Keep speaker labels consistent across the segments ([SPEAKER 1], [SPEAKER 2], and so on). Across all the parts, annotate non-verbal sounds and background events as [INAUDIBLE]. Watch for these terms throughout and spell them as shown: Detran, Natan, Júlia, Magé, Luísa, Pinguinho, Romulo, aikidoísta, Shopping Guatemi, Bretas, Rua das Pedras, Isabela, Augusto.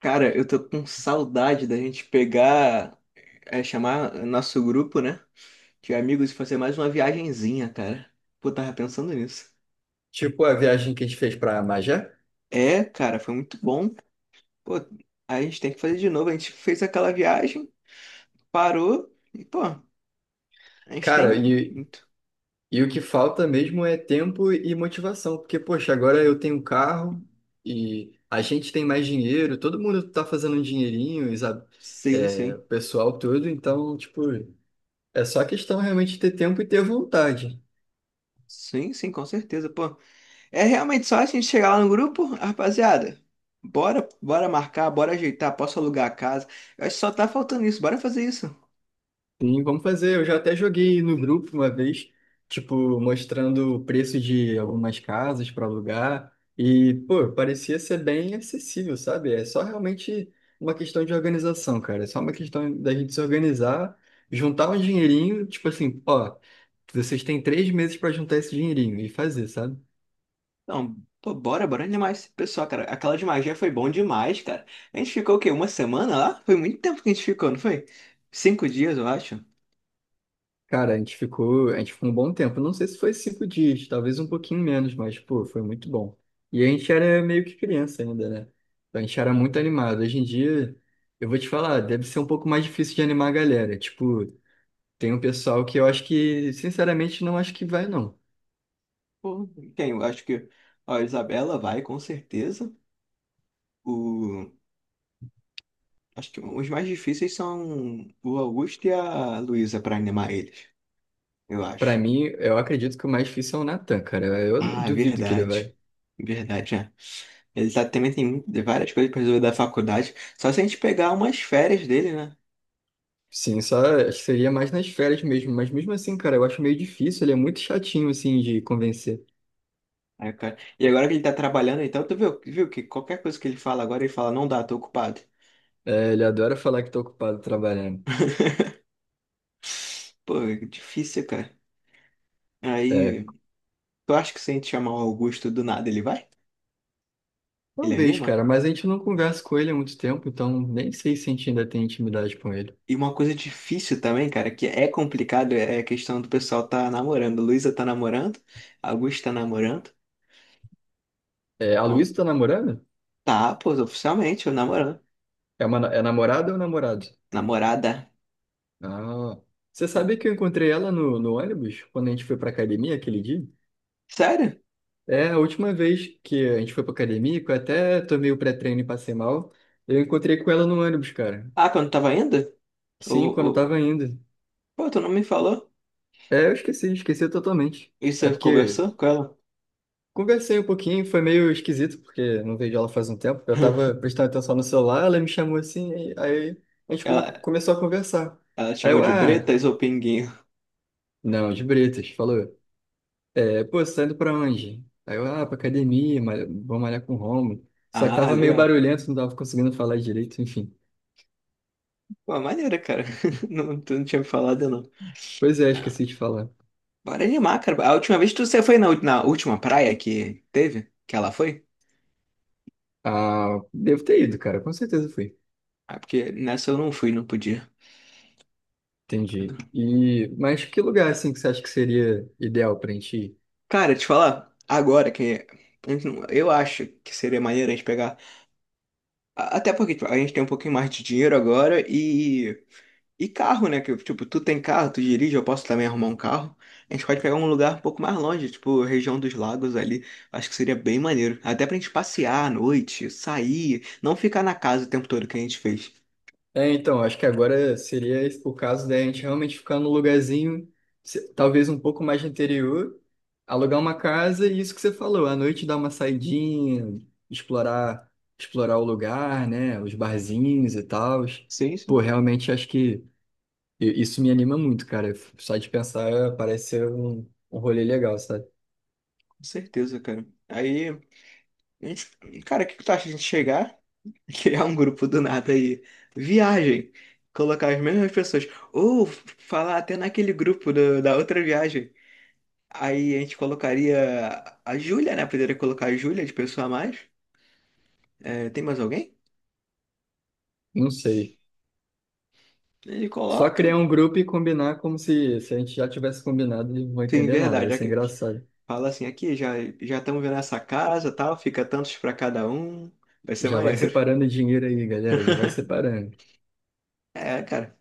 [SPEAKER 1] Cara, eu tô com saudade da gente pegar, chamar nosso grupo, né? De amigos e fazer mais uma viagenzinha, cara. Pô, tava pensando nisso.
[SPEAKER 2] Tipo a viagem que a gente fez pra Magé.
[SPEAKER 1] É, cara, foi muito bom. Pô, a gente tem que fazer de novo. A gente fez aquela viagem, parou e, pô, a gente
[SPEAKER 2] Cara,
[SPEAKER 1] tem
[SPEAKER 2] e,
[SPEAKER 1] muito.
[SPEAKER 2] e o que falta mesmo é tempo e motivação. Porque, poxa, agora eu tenho um carro e a gente tem mais dinheiro, todo mundo tá fazendo um dinheirinho, sabe?
[SPEAKER 1] Sim,
[SPEAKER 2] É, o
[SPEAKER 1] sim.
[SPEAKER 2] pessoal todo, então, tipo, é só questão realmente de ter tempo e ter vontade.
[SPEAKER 1] Sim, sim, com certeza, pô. É realmente só a gente chegar lá no grupo, rapaziada. Bora, bora marcar, bora ajeitar, posso alugar a casa. Eu acho que só tá faltando isso. Bora fazer isso.
[SPEAKER 2] Sim, vamos fazer. Eu já até joguei no grupo uma vez, tipo, mostrando o preço de algumas casas para alugar. E, pô, parecia ser bem acessível, sabe? É só realmente uma questão de organização, cara. É só uma questão da gente se organizar, juntar um dinheirinho, tipo assim, ó, vocês têm 3 meses para juntar esse dinheirinho e fazer, sabe?
[SPEAKER 1] Não, pô, bora, bora demais. Pessoal, cara, aquela de magia foi bom demais, cara. A gente ficou o quê? Uma semana lá? Foi muito tempo que a gente ficou, não foi? 5 dias, eu acho.
[SPEAKER 2] Cara, a gente ficou um bom tempo. Não sei se foi 5 dias, talvez um pouquinho menos, mas, pô, foi muito bom. E a gente era meio que criança ainda, né? Então a gente era muito animado. Hoje em dia, eu vou te falar, deve ser um pouco mais difícil de animar a galera. Tipo, tem um pessoal que eu acho que, sinceramente, não acho que vai, não.
[SPEAKER 1] Pô, quem? Eu acho que ó, a Isabela vai, com certeza. O... Acho que os mais difíceis são o Augusto e a Luísa pra animar eles, eu
[SPEAKER 2] Pra
[SPEAKER 1] acho.
[SPEAKER 2] mim, eu acredito que o mais difícil é o Natan, cara. Eu
[SPEAKER 1] Ah, é
[SPEAKER 2] duvido que ele
[SPEAKER 1] verdade.
[SPEAKER 2] vai.
[SPEAKER 1] Verdade, é. Também tem várias coisas pra resolver da faculdade. Só se a gente pegar umas férias dele, né?
[SPEAKER 2] Sim, só acho que seria mais nas férias mesmo. Mas mesmo assim, cara, eu acho meio difícil. Ele é muito chatinho, assim, de convencer.
[SPEAKER 1] É, cara. E agora que ele tá trabalhando, então, tu viu que qualquer coisa que ele fala agora, ele fala, não dá, tô ocupado.
[SPEAKER 2] É, ele adora falar que tá ocupado trabalhando.
[SPEAKER 1] Pô, é difícil, cara.
[SPEAKER 2] É,
[SPEAKER 1] Aí, tu acha que se a gente chamar o Augusto do nada, ele vai? Ele
[SPEAKER 2] talvez,
[SPEAKER 1] anima?
[SPEAKER 2] cara, mas a gente não conversa com ele há muito tempo, então nem sei se a gente ainda tem intimidade com ele.
[SPEAKER 1] E uma coisa difícil também, cara, que é complicado, é a questão do pessoal tá namorando. Luísa tá namorando, Augusto tá namorando.
[SPEAKER 2] É, a
[SPEAKER 1] Bom,
[SPEAKER 2] Luísa tá namorando?
[SPEAKER 1] tá, pô, oficialmente, eu namorando.
[SPEAKER 2] É, uma, é namorada ou namorado?
[SPEAKER 1] Namorada.
[SPEAKER 2] Ah, você sabe que eu encontrei ela no ônibus quando a gente foi pra academia aquele dia?
[SPEAKER 1] Sério?
[SPEAKER 2] É, a última vez que a gente foi pra academia, que eu até tomei o pré-treino e passei mal, eu encontrei com ela no ônibus, cara.
[SPEAKER 1] Ah, quando tava indo?
[SPEAKER 2] Sim,
[SPEAKER 1] Ou,
[SPEAKER 2] quando eu
[SPEAKER 1] ou...
[SPEAKER 2] tava indo.
[SPEAKER 1] Pô, tu não me falou?
[SPEAKER 2] É, eu esqueci, esqueci totalmente.
[SPEAKER 1] E
[SPEAKER 2] É
[SPEAKER 1] você
[SPEAKER 2] porque
[SPEAKER 1] conversou com ela?
[SPEAKER 2] Conversei um pouquinho, foi meio esquisito, porque não vejo ela faz um tempo. Eu tava
[SPEAKER 1] [LAUGHS]
[SPEAKER 2] prestando atenção no celular, ela me chamou assim, e aí a gente
[SPEAKER 1] Ela,
[SPEAKER 2] começou a conversar.
[SPEAKER 1] Ela
[SPEAKER 2] Aí
[SPEAKER 1] chama
[SPEAKER 2] eu,
[SPEAKER 1] de
[SPEAKER 2] ah,
[SPEAKER 1] Bretas ou Pinguinho?
[SPEAKER 2] não, de Bretas, falou. É, pô, você tá indo pra onde? Aí eu, ah, pra academia, vou malhar com o Romulo. Só que
[SPEAKER 1] Ah,
[SPEAKER 2] tava meio
[SPEAKER 1] legal.
[SPEAKER 2] barulhento, não tava conseguindo falar direito, enfim.
[SPEAKER 1] Pô, maneira, cara. [LAUGHS] Não, tu não tinha me falado, não.
[SPEAKER 2] Pois é, esqueci de falar.
[SPEAKER 1] Bora animar, cara. A última vez que você foi na última praia que teve, que ela foi?
[SPEAKER 2] Ah, devo ter ido, cara, com certeza fui.
[SPEAKER 1] Ah, porque nessa eu não fui, não podia.
[SPEAKER 2] Entendi. E, mas que lugar, assim, que você acha que seria ideal pra gente ir?
[SPEAKER 1] Cara, te falar, agora que a gente não- eu acho que seria maneiro a gente pegar. Até porque tipo, a gente tem um pouquinho mais de dinheiro agora. E carro, né? Que, tipo, tu tem carro, tu dirige, eu posso também arrumar um carro. A gente pode pegar um lugar um pouco mais longe, tipo, região dos lagos ali. Acho que seria bem maneiro. Até pra gente passear à noite, sair, não ficar na casa o tempo todo que a gente fez.
[SPEAKER 2] É, então, acho que agora seria o caso da gente realmente ficar num lugarzinho, talvez um pouco mais de interior, alugar uma casa e isso que você falou, à noite dar uma saidinha, explorar, explorar o lugar, né, os barzinhos e tal.
[SPEAKER 1] Sim,
[SPEAKER 2] Pô,
[SPEAKER 1] sim,
[SPEAKER 2] realmente acho que isso me anima muito, cara. Só de pensar parece ser um, um rolê legal, sabe?
[SPEAKER 1] com certeza, cara. Aí, gente- cara, o que que tu acha de a gente chegar, [LAUGHS] criar um grupo do nada aí? Viagem. Colocar as mesmas pessoas. Ou falar até naquele grupo da outra viagem. Aí a gente colocaria a Júlia, né? Poderia colocar a Júlia de pessoa a mais. É, tem mais alguém?
[SPEAKER 2] Não sei.
[SPEAKER 1] Ele
[SPEAKER 2] Só
[SPEAKER 1] coloca.
[SPEAKER 2] criar um grupo e combinar como se a gente já tivesse combinado, e não vou
[SPEAKER 1] Sim,
[SPEAKER 2] entender nada, vai
[SPEAKER 1] verdade.
[SPEAKER 2] ser
[SPEAKER 1] Aqui.
[SPEAKER 2] engraçado.
[SPEAKER 1] Fala assim, aqui já já estamos vendo essa casa, tal, fica tantos pra cada um. Vai ser
[SPEAKER 2] Já vai
[SPEAKER 1] maneiro. [LAUGHS]
[SPEAKER 2] separando dinheiro aí, galera. Já vai separando.
[SPEAKER 1] É, cara,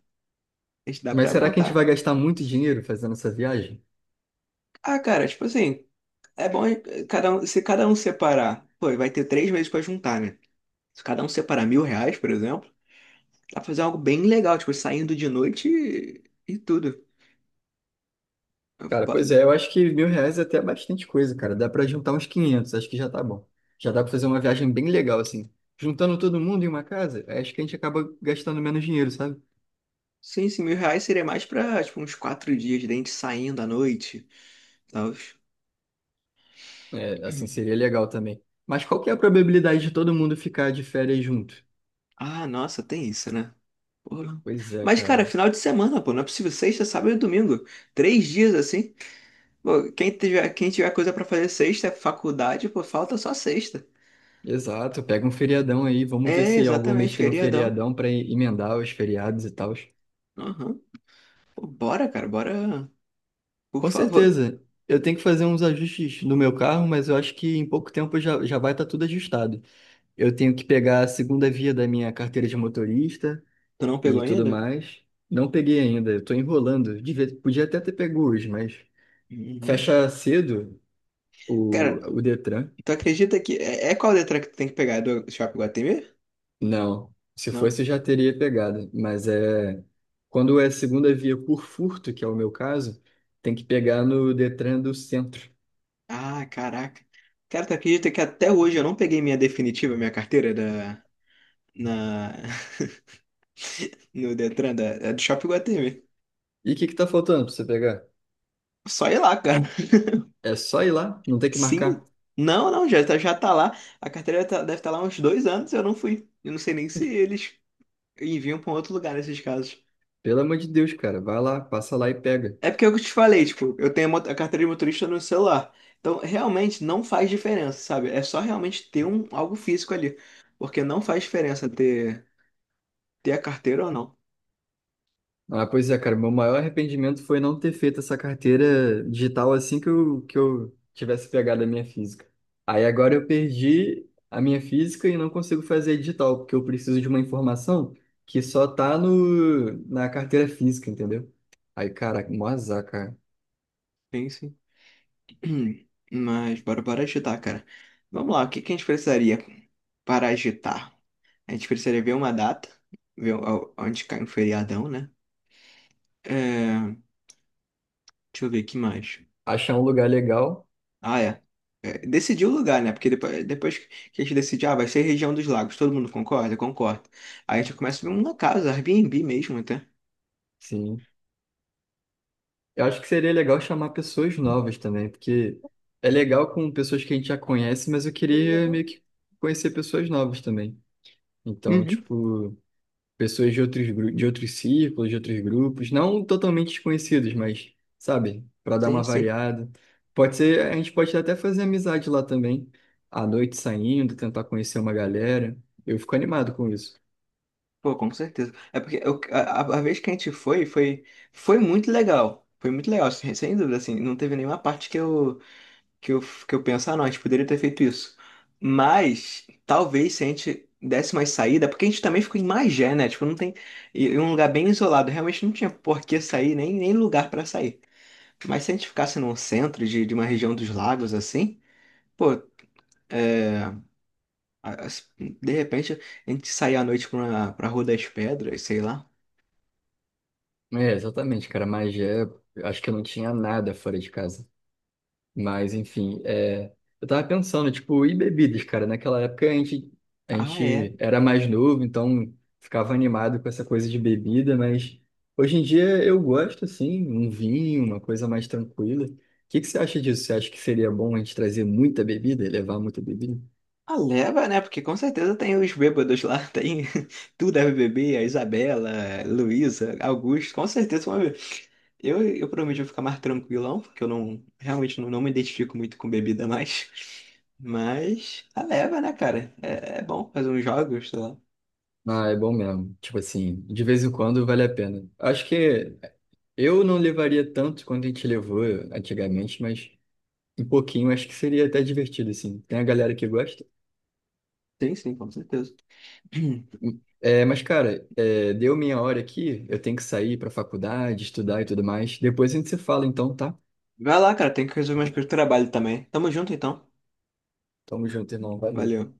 [SPEAKER 1] a gente dá
[SPEAKER 2] Mas
[SPEAKER 1] pra
[SPEAKER 2] será que a gente
[SPEAKER 1] montar.
[SPEAKER 2] vai gastar muito dinheiro fazendo essa viagem?
[SPEAKER 1] Ah, cara, tipo assim, é bom se cada um separar, pô, vai ter 3 meses pra juntar, né? Se cada um separar R$ 1.000, por exemplo, dá pra fazer algo bem legal, tipo, saindo de noite e tudo.
[SPEAKER 2] Cara, pois é, eu acho que R$ 1.000 é até bastante coisa, cara. Dá pra juntar uns 500 acho que já tá bom. Já dá pra fazer uma viagem bem legal, assim. Juntando todo mundo em uma casa, acho que a gente acaba gastando menos dinheiro, sabe?
[SPEAKER 1] Sim, sim, R$ 1.000 seria mais pra, tipo, uns 4 dias, dente saindo à noite, tal.
[SPEAKER 2] É, assim, seria legal também. Mas qual que é a probabilidade de todo mundo ficar de férias junto?
[SPEAKER 1] Ah, nossa, tem isso, né? Porra.
[SPEAKER 2] Pois é,
[SPEAKER 1] Mas, cara,
[SPEAKER 2] cara.
[SPEAKER 1] final de semana, pô, não é possível sexta, sábado e domingo. 3 dias assim. Pô, quem tiver coisa pra fazer sexta, é faculdade, pô, falta só sexta.
[SPEAKER 2] Exato, pega um feriadão aí, vamos ver
[SPEAKER 1] É,
[SPEAKER 2] se algum mês
[SPEAKER 1] exatamente,
[SPEAKER 2] tem um
[SPEAKER 1] feriadão.
[SPEAKER 2] feriadão pra emendar os feriados e tal.
[SPEAKER 1] Aham. Pô, bora, cara, bora. Por
[SPEAKER 2] Com
[SPEAKER 1] favor.
[SPEAKER 2] certeza. Eu tenho que fazer uns ajustes no meu carro, mas eu acho que em pouco tempo já vai estar tudo ajustado. Eu tenho que pegar a segunda via da minha carteira de motorista
[SPEAKER 1] Tu não pegou
[SPEAKER 2] e tudo
[SPEAKER 1] ainda?
[SPEAKER 2] mais. Não peguei ainda, eu tô enrolando. Podia até ter pego hoje, mas
[SPEAKER 1] Uhum.
[SPEAKER 2] fecha cedo
[SPEAKER 1] Cara,
[SPEAKER 2] o Detran.
[SPEAKER 1] tu acredita que. É qual letra que tu tem que pegar? É do Shopping Guatemi?
[SPEAKER 2] Não, se
[SPEAKER 1] Não?
[SPEAKER 2] fosse eu já teria pegado, mas é quando é segunda via por furto, que é o meu caso, tem que pegar no Detran do centro.
[SPEAKER 1] Ah, caraca. Cara, tu acredita que até hoje eu não peguei minha definitiva, minha carteira na, [LAUGHS] no Detran, do Shopping Guatemi.
[SPEAKER 2] E o que que tá faltando para você pegar?
[SPEAKER 1] Só ir lá, cara.
[SPEAKER 2] É só ir lá, não tem que marcar.
[SPEAKER 1] Sim? Não, não, já tá lá. A carteira deve estar lá há uns 2 anos, eu não fui. Eu não sei nem se eles enviam pra um outro lugar nesses casos.
[SPEAKER 2] Pelo amor de Deus, cara, vai lá, passa lá e pega.
[SPEAKER 1] É porque eu te falei, tipo, eu tenho a carteira de motorista no celular. Então, realmente não faz diferença, sabe? É só realmente ter algo físico ali. Porque não faz diferença ter a carteira ou não.
[SPEAKER 2] Ah, pois é, cara, meu maior arrependimento foi não ter feito essa carteira digital assim que eu tivesse pegado a minha física. Aí agora eu perdi a minha física e não consigo fazer a digital, porque eu preciso de uma informação que só tá no, na carteira física, entendeu? Aí, cara, mó azar, cara.
[SPEAKER 1] Sim, sim. [CLEARS THROAT] Mas bora, bora agitar, cara. Vamos lá, o que que a gente precisaria para agitar? A gente precisaria ver uma data, ver onde cai um feriadão, né? É, deixa eu ver o que mais.
[SPEAKER 2] Achar um lugar legal,
[SPEAKER 1] Ah, é. É, decidir o lugar, né? Porque depois que a gente decide, ah, vai ser região dos lagos, todo mundo concorda? Concorda. Aí a gente começa a ver uma casa, Airbnb mesmo até.
[SPEAKER 2] sim. Eu acho que seria legal chamar pessoas novas também, porque é legal com pessoas que a gente já conhece, mas eu queria meio que conhecer pessoas novas também. Então,
[SPEAKER 1] Uhum.
[SPEAKER 2] tipo, pessoas de outros, de outros círculos, de outros grupos, não totalmente desconhecidos, mas, sabe, para dar
[SPEAKER 1] Sim,
[SPEAKER 2] uma
[SPEAKER 1] sim.
[SPEAKER 2] variada. Pode ser, a gente pode até fazer amizade lá também, à noite saindo, tentar conhecer uma galera. Eu fico animado com isso.
[SPEAKER 1] Pô, com certeza. É porque a vez que a gente foi, foi, muito legal. Foi muito legal, sem dúvida, assim. Não teve nenhuma parte que eu, que eu penso, ah, não, a gente poderia ter feito isso. Mas, talvez, se a gente desse mais saída, porque a gente também ficou em Magé, né? Tipo, não tem... Em um lugar bem isolado. Realmente não tinha por que sair, nem lugar pra sair. Mas se a gente ficasse num centro de uma região dos lagos, assim, pô, é, a- a- de repente a gente sair à noite pra Rua das Pedras, sei lá.
[SPEAKER 2] É, exatamente, cara, mas é, acho que eu não tinha nada fora de casa. Mas, enfim, é, eu tava pensando, tipo, e bebidas, cara? Naquela época a
[SPEAKER 1] Ah, é.
[SPEAKER 2] gente era mais novo, então ficava animado com essa coisa de bebida, mas hoje em dia eu gosto, assim, um vinho, uma coisa mais tranquila. O que que você acha disso? Você acha que seria bom a gente trazer muita bebida, levar muita bebida?
[SPEAKER 1] Ah, leva, né? Porque com certeza tem os bêbados lá, tem [LAUGHS] tu deve beber, a Isabela, Luísa, Augusto, com certeza vão beber. Eu prometo ficar mais tranquilão, porque eu não realmente não me identifico muito com bebida mais. Mas a leva, né, cara? É bom fazer uns jogos, sei lá.
[SPEAKER 2] Ah, é bom mesmo. Tipo assim, de vez em quando vale a pena. Acho que eu não levaria tanto quanto a gente levou antigamente, mas um pouquinho acho que seria até divertido, assim. Tem a galera que gosta?
[SPEAKER 1] Sim, sim, com certeza. [CLEARS THROAT]
[SPEAKER 2] É, mas, cara, é, deu minha hora aqui. Eu tenho que sair pra faculdade, estudar e tudo mais. Depois a gente se fala, então, tá?
[SPEAKER 1] Vai lá, cara, tem que resolver umas coisas do trabalho também. Tamo junto então.
[SPEAKER 2] Tamo junto, irmão. Valeu.
[SPEAKER 1] Valeu.